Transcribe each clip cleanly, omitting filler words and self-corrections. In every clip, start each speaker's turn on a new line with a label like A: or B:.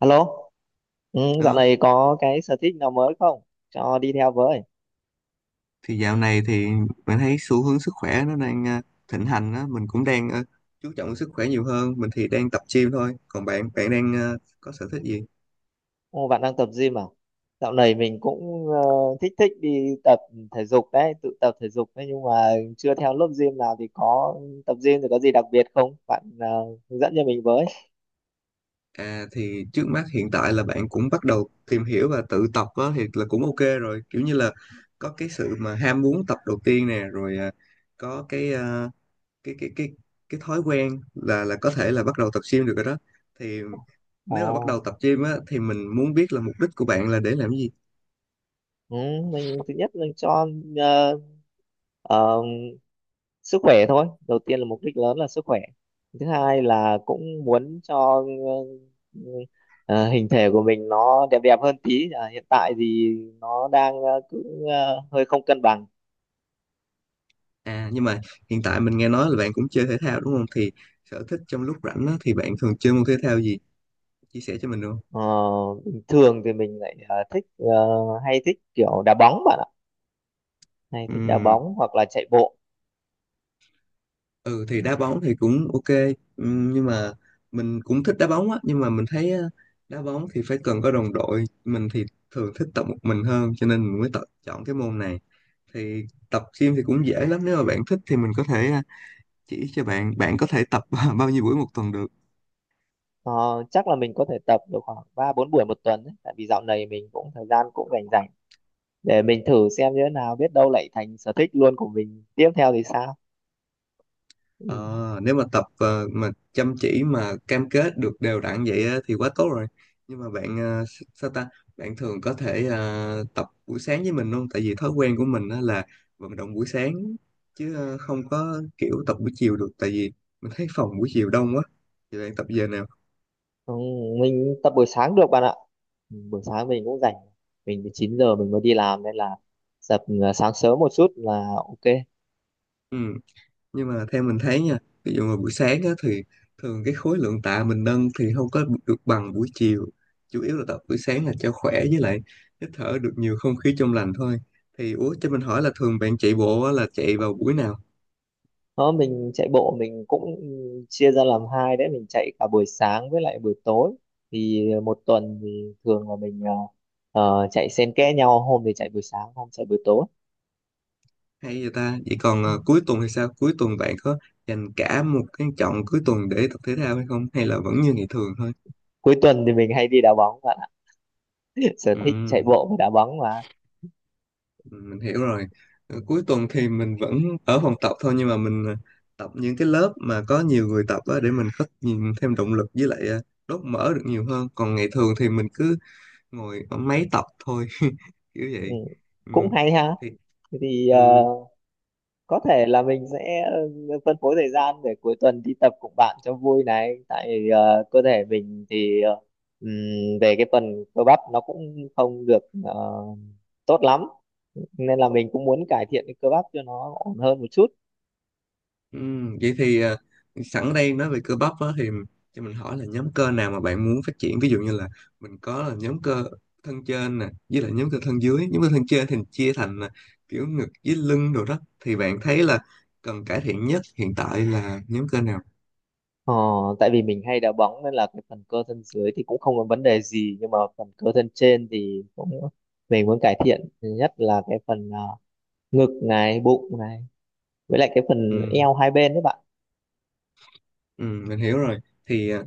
A: Alo, dạo
B: Đó
A: này có cái sở thích nào mới không? Cho đi theo với.
B: thì dạo này thì mình thấy xu hướng sức khỏe nó đang thịnh hành á, mình cũng đang chú trọng sức khỏe nhiều hơn. Mình thì đang tập gym thôi, còn bạn bạn đang có sở thích gì?
A: Ồ, bạn đang tập gym à? Dạo này mình cũng thích thích đi tập thể dục đấy, tự tập thể dục đấy, nhưng mà chưa theo lớp gym nào. Thì có tập gym thì có gì đặc biệt không? Bạn hướng dẫn cho mình với.
B: À, thì trước mắt hiện tại là bạn cũng bắt đầu tìm hiểu và tự tập á, thì là cũng ok rồi, kiểu như là có cái sự mà ham muốn tập đầu tiên nè, rồi có cái cái cái cái cái thói quen là có thể là bắt đầu tập gym được rồi đó. Thì nếu mà bắt
A: Ồ,
B: đầu tập gym á, thì mình muốn biết là mục đích của bạn là để làm gì.
A: ừ, mình thứ nhất là cho uh, sức khỏe thôi, đầu tiên là mục đích lớn là sức khỏe. Thứ hai là cũng muốn cho ừ, hình thể của mình nó đẹp đẹp hơn tí à, hiện tại thì nó đang cứ hơi không cân bằng.
B: À nhưng mà hiện tại mình nghe nói là bạn cũng chơi thể thao đúng không? Thì sở thích trong lúc rảnh á, thì bạn thường chơi môn thể thao gì? Chia sẻ cho mình được không?
A: Ờ, bình thường thì mình lại thích hay thích kiểu đá bóng bạn ạ, hay thích đá
B: Ừm.
A: bóng hoặc là chạy bộ.
B: Ừ thì đá bóng thì cũng ok. Nhưng mà mình cũng thích đá bóng á, nhưng mà mình thấy á, đá bóng thì phải cần có đồng đội, mình thì thường thích tập một mình hơn, cho nên mình mới tập chọn cái môn này. Thì tập gym thì cũng dễ lắm, nếu mà bạn thích thì mình có thể chỉ cho bạn. Bạn có thể tập bao nhiêu buổi một tuần được?
A: Ờ, chắc là mình có thể tập được khoảng ba bốn buổi một tuần đấy. Tại vì dạo này mình cũng thời gian cũng rảnh rảnh, để mình thử xem như thế nào, biết đâu lại thành sở thích luôn của mình tiếp theo thì sao. Ừ.
B: Ờ, nếu mà tập mà chăm chỉ mà cam kết được đều đặn vậy á, thì quá tốt rồi. Nhưng mà bạn sao ta? Bạn thường có thể tập buổi sáng với mình luôn. Tại vì thói quen của mình á là vận động buổi sáng, chứ không có kiểu tập buổi chiều được. Tại vì mình thấy phòng buổi chiều đông quá. Thì bạn tập giờ nào?
A: Không, mình tập buổi sáng được bạn ạ. Ừ, buổi sáng mình cũng rảnh, mình từ 9 giờ mình mới đi làm nên là tập sáng sớm một chút là ok.
B: Ừ, nhưng mà theo mình thấy nha, ví dụ mà buổi sáng á, thì thường cái khối lượng tạ mình nâng thì không có được bằng buổi chiều. Chủ yếu là tập buổi sáng là cho khỏe, với lại hít thở được nhiều không khí trong lành thôi. Thì ủa, cho mình hỏi là thường bạn chạy bộ á, là chạy vào buổi nào?
A: Đó mình chạy bộ mình cũng chia ra làm hai đấy, mình chạy cả buổi sáng với lại buổi tối. Thì một tuần thì thường là mình chạy xen kẽ nhau, hôm thì chạy buổi sáng, hôm chạy buổi tối.
B: Hay vậy ta. Vậy còn
A: Ừ.
B: cuối tuần thì sao? Cuối tuần bạn có dành cả một cái chọn cuối tuần để tập thể thao hay không, hay là vẫn như ngày thường thôi?
A: Cuối tuần thì mình hay đi đá bóng bạn ạ. Sở thích chạy
B: Ừ.
A: bộ và đá bóng mà.
B: Ừ, mình hiểu rồi.
A: Ừ.
B: Ờ, cuối tuần thì mình vẫn ở phòng tập thôi, nhưng mà mình tập những cái lớp mà có nhiều người tập á, để mình có nhìn thêm động lực, với lại đốt mỡ được nhiều hơn. Còn ngày thường thì mình cứ ngồi ở máy tập thôi. Kiểu
A: Ừ,
B: vậy. Ừ.
A: cũng hay ha.
B: Thì
A: Thế thì
B: ừ.
A: có thể là mình sẽ phân phối thời gian để cuối tuần đi tập cùng bạn cho vui này, tại cơ thể mình thì ừm, về cái phần cơ bắp nó cũng không được tốt lắm, nên là mình cũng muốn cải thiện cái cơ bắp cho nó ổn hơn một chút.
B: Ừ, vậy thì sẵn đây nói về cơ bắp á, thì cho mình hỏi là nhóm cơ nào mà bạn muốn phát triển? Ví dụ như là mình có là nhóm cơ thân trên nè, với lại nhóm cơ thân dưới. Nhóm cơ thân trên thì chia thành kiểu ngực với lưng đồ đó. Thì bạn thấy là cần cải thiện nhất hiện tại là nhóm cơ nào?
A: Ờ, tại vì mình hay đá bóng nên là cái phần cơ thân dưới thì cũng không có vấn đề gì, nhưng mà phần cơ thân trên thì cũng mình muốn cải thiện, nhất là cái phần ngực này, bụng này, với lại cái phần
B: Ừ.
A: eo hai bên đấy bạn.
B: Ừ, mình hiểu rồi. Thì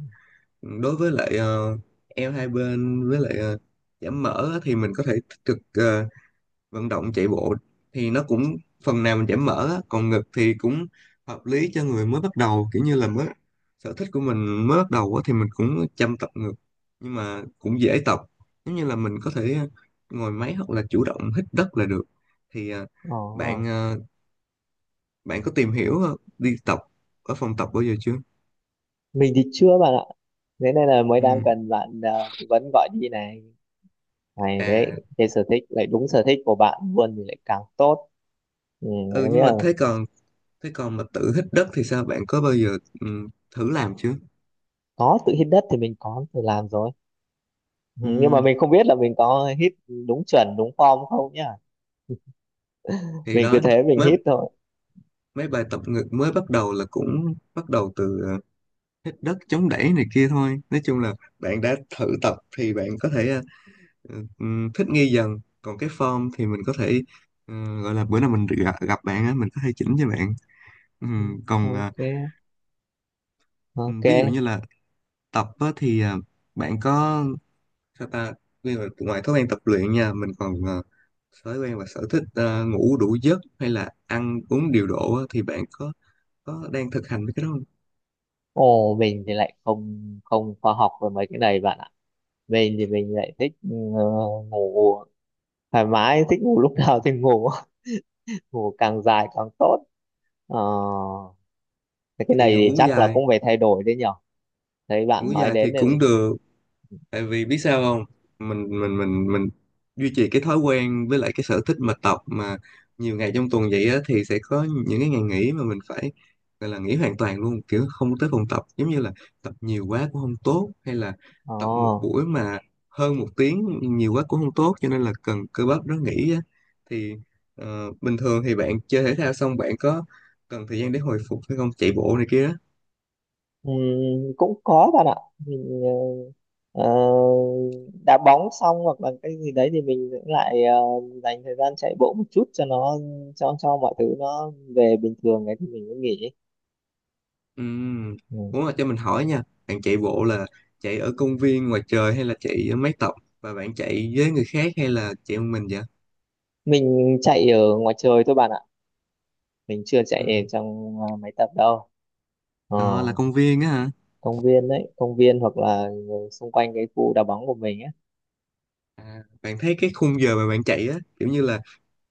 B: đối với lại eo hai bên, với lại giảm mỡ á, thì mình có thể tích cực vận động chạy bộ, thì nó cũng phần nào mình giảm mỡ á. Còn ngực thì cũng hợp lý cho người mới bắt đầu, kiểu như là mới sở thích của mình mới bắt đầu á, thì mình cũng chăm tập ngực, nhưng mà cũng dễ tập. Giống như là mình có thể ngồi máy hoặc là chủ động hít đất là được. Thì
A: Ờ.
B: bạn bạn có tìm hiểu đi tập ở phòng tập bao giờ chưa?
A: Mình thì chưa bạn ạ, thế nên là mới
B: Ừ.
A: đang cần bạn tư vấn gọi đi này, này đấy.
B: À.
A: Cái sở thích lại đúng sở thích của bạn luôn thì lại càng tốt. Ừ, thế
B: Ừ
A: nghĩa
B: nhưng mà
A: là
B: thế còn, thế còn mà tự hít đất thì sao, bạn có bao giờ thử làm chưa?
A: có tự hít đất thì mình có tự làm rồi. Ừ,
B: Ừ.
A: nhưng mà mình không biết là mình có hít đúng chuẩn đúng form không nhá,
B: Thì
A: mình cứ
B: đó,
A: thế mình
B: mới
A: hít thôi.
B: mấy bài tập ngực mới bắt đầu là cũng bắt đầu từ hít đất chống đẩy này kia thôi. Nói chung là bạn đã thử tập thì bạn có thể thích nghi dần. Còn cái form thì mình có thể gọi là bữa nào mình gặp bạn á, mình có thể chỉnh cho bạn.
A: Ừ,
B: Còn
A: ok. Ok.
B: ví dụ như là tập á, thì bạn có sao ta. Ví dụ ngoài thói quen tập luyện nha, mình còn thói quen và sở thích ngủ đủ giấc hay là ăn uống điều độ á, thì bạn có đang thực hành với cái đó không?
A: Ồ mình thì lại không không khoa học về mấy cái này bạn ạ. Mình thì mình lại thích ừ, ngủ thoải mái, thích ngủ lúc nào thì ngủ. Ngủ càng dài càng tốt. Ờ, thế cái
B: Thì
A: này thì
B: ngủ
A: chắc là
B: dài.
A: cũng phải thay đổi đấy nhở, thấy
B: Ngủ
A: bạn nói
B: dài thì
A: đến nên
B: cũng
A: mình mới.
B: được, tại vì biết sao không, mình duy trì cái thói quen với lại cái sở thích mà tập mà nhiều ngày trong tuần vậy á, thì sẽ có những cái ngày nghỉ mà mình phải gọi là nghỉ hoàn toàn luôn, kiểu không tới phòng tập. Giống như là tập nhiều quá cũng không tốt, hay là
A: Ờ
B: tập một buổi mà hơn một tiếng nhiều quá cũng không tốt, cho nên là cần cơ bắp nó nghỉ á. Thì bình thường thì bạn chơi thể thao xong bạn có cần thời gian để hồi phục hay không, chạy bộ này kia đó?
A: cũng có bạn ạ. Mình ờ, ờ, đá bóng xong hoặc là cái gì đấy thì mình cũng lại dành thời gian chạy bộ một chút cho nó, cho mọi thứ nó về bình thường ấy thì mình mới nghỉ.
B: Ừm.
A: Ừ.
B: Muốn là cho mình hỏi nha, bạn chạy bộ là chạy ở công viên ngoài trời hay là chạy ở mái tóc, và bạn chạy với người khác hay là chạy một mình vậy?
A: Mình chạy ở ngoài trời thôi bạn ạ, mình chưa chạy ở
B: Ừm.
A: trong máy tập đâu. Ờ,
B: Đó là công viên á hả?
A: công viên đấy, công viên hoặc là xung quanh cái khu đá bóng của mình ấy.
B: À, bạn thấy cái khung giờ mà bạn chạy á, kiểu như là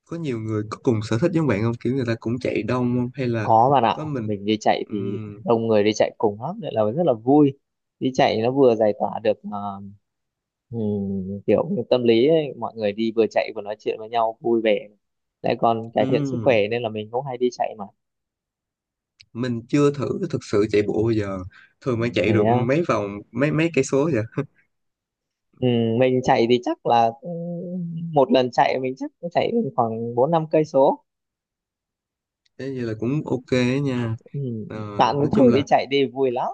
B: có nhiều người có cùng sở thích giống bạn không? Kiểu người ta cũng chạy đông không? Hay là
A: Có bạn ạ,
B: có mình?
A: mình đi chạy thì
B: Ừm.
A: đông người đi chạy cùng lắm, nên là rất là vui. Đi chạy nó vừa giải tỏa được kiểu như tâm lý ấy. Mọi người đi vừa chạy vừa nói chuyện với nhau vui vẻ. Lại còn cải thiện sức
B: Ừm,
A: khỏe nên là mình cũng hay đi chạy mà.
B: mình chưa thử thực sự chạy bộ bao giờ. Thường bạn
A: Thế
B: chạy được
A: á.
B: mấy vòng, mấy mấy cây số vậy?
A: Mình chạy thì chắc là một lần chạy mình chắc cũng chạy khoảng 4 5 cây số.
B: Thế như là cũng ok á nha.
A: Ừm,
B: Ờ,
A: Bạn cứ
B: nói chung
A: thử đi
B: là
A: chạy đi vui lắm.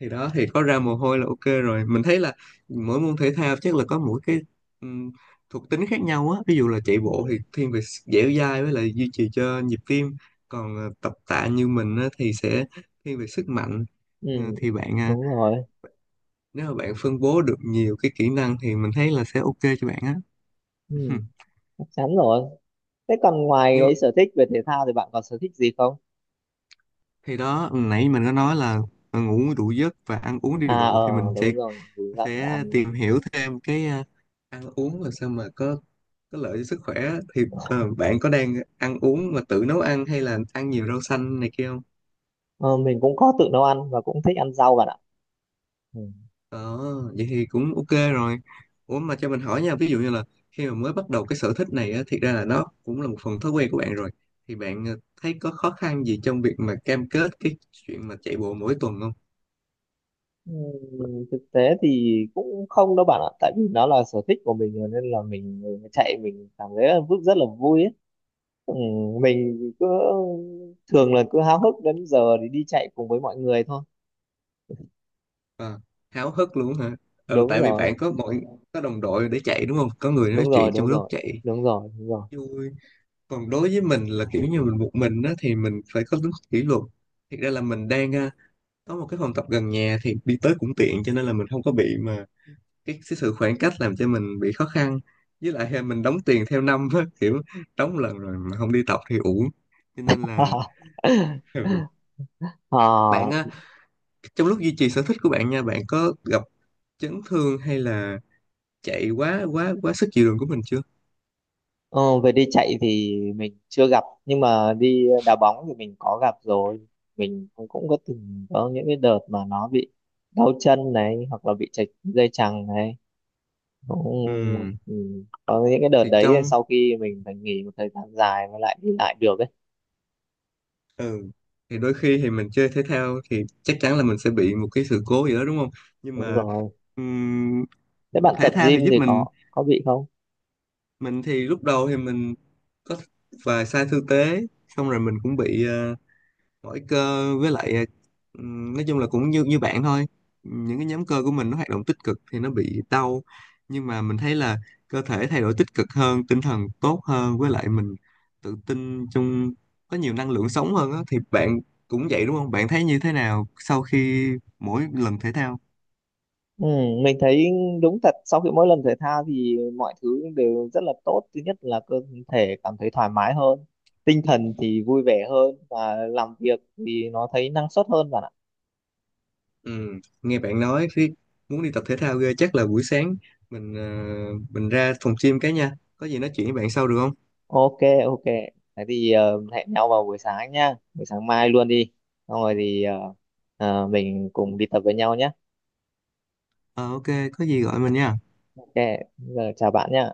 B: thì đó, thì có ra mồ
A: Ừm,
B: hôi là ok rồi. Mình thấy là mỗi môn thể thao chắc là có mỗi cái ừm, thuộc tính khác nhau á. Ví dụ là chạy bộ
A: ừm,
B: thì thiên về dẻo dai, với lại duy trì cho nhịp tim. Còn tập tạ như mình á, thì sẽ thiên về sức mạnh. Ờ,
A: ừm,
B: thì bạn
A: Đúng rồi.
B: nếu mà bạn phân bố được nhiều cái kỹ năng thì mình thấy là sẽ ok cho bạn á.
A: Ừm, Chắc chắn rồi. Thế còn ngoài
B: Nhưng mà
A: cái sở thích về thể thao thì bạn còn sở thích gì không?
B: thì đó, nãy mình có nói là ngủ đủ giấc và ăn uống điều
A: À
B: độ, thì mình
A: ờ đúng rồi, đúng là có
B: sẽ
A: ăn.
B: tìm hiểu thêm cái ăn uống làm sao mà có lợi cho sức khỏe á. Thì à, bạn có đang ăn uống mà tự nấu ăn hay là ăn nhiều rau xanh này kia không?
A: Ờ, mình cũng có tự nấu ăn và cũng thích ăn rau bạn ạ. Ừ.
B: Ờ, vậy thì cũng ok rồi. Ủa mà cho mình hỏi nha, ví dụ như là khi mà mới bắt đầu cái sở thích này á, thiệt ra là nó cũng là một phần thói quen của bạn rồi. Thì bạn thấy có khó khăn gì trong việc mà cam kết cái chuyện mà chạy bộ mỗi tuần không?
A: Thực tế thì cũng không đâu bạn ạ, tại vì nó là sở thích của mình rồi nên là mình chạy mình cảm thấy là rất rất là vui ấy. Mình cứ thường là cứ háo hức đến giờ thì đi chạy cùng với mọi người thôi.
B: À, háo hức luôn hả? Ừ,
A: Đúng
B: tại vì
A: rồi,
B: bạn có mọi, có đồng đội để chạy đúng không? Có người nói
A: đúng rồi,
B: chuyện trong
A: đúng
B: lúc
A: rồi,
B: chạy
A: đúng rồi, đúng rồi.
B: vui. Còn đối với mình là kiểu như mình một mình á, thì mình phải có tính kỷ luật. Thiệt ra là mình đang có một cái phòng tập gần nhà thì đi tới cũng tiện, cho nên là mình không có bị mà cái sự khoảng cách làm cho mình bị khó khăn. Với lại mình đóng tiền theo năm á, kiểu đóng lần rồi mà không đi tập thì uổng, cho nên là ừ.
A: Ờ.
B: Bạn á, trong lúc duy trì sở thích của bạn nha, bạn có gặp chấn thương hay là chạy quá quá quá sức chịu đựng của mình chưa?
A: Ờ, về đi chạy thì mình chưa gặp, nhưng mà đi đá bóng thì mình có gặp rồi. Mình cũng cũng có từng có những cái đợt mà nó bị đau chân này hoặc là bị trật dây chằng này, cũng
B: Ừ
A: ừ, có những cái đợt
B: thì
A: đấy
B: trong,
A: sau khi mình phải nghỉ một thời gian dài mới lại đi lại được ấy.
B: ừ thì đôi khi thì mình chơi thể thao thì chắc chắn là mình sẽ bị một cái sự cố gì đó đúng không, nhưng
A: Đúng
B: mà
A: rồi,
B: ừm,
A: thế bạn
B: thể
A: tập
B: thao
A: gym
B: thì giúp
A: thì
B: mình.
A: có bị không?
B: Mình thì lúc đầu thì mình có vài sai tư thế, xong rồi mình cũng bị mỗi cơ, với lại nói chung là cũng như như bạn thôi. Những cái nhóm cơ của mình nó hoạt động tích cực thì nó bị đau, nhưng mà mình thấy là cơ thể thay đổi tích cực hơn, tinh thần tốt hơn, với lại mình tự tin trong, có nhiều năng lượng sống hơn á. Thì bạn cũng vậy đúng không? Bạn thấy như thế nào sau khi mỗi lần thể thao?
A: Ừ, mình thấy đúng thật sau khi mỗi lần thể thao thì mọi thứ đều rất là tốt. Thứ nhất là cơ thể cảm thấy thoải mái hơn, tinh thần thì vui vẻ hơn, và làm việc thì nó thấy năng suất hơn bạn ạ.
B: Ừ, nghe bạn nói khi muốn đi tập thể thao ghê. Chắc là buổi sáng mình mình ra phòng gym cái nha. Có gì nói chuyện với bạn sau được không?
A: Ok, ok, thế thì hẹn nhau vào buổi sáng nha, buổi sáng mai luôn đi, xong rồi thì mình cùng đi tập với nhau nhé.
B: Ờ ok, có gì gọi mình nha.
A: Ok, giờ chào bạn nhé.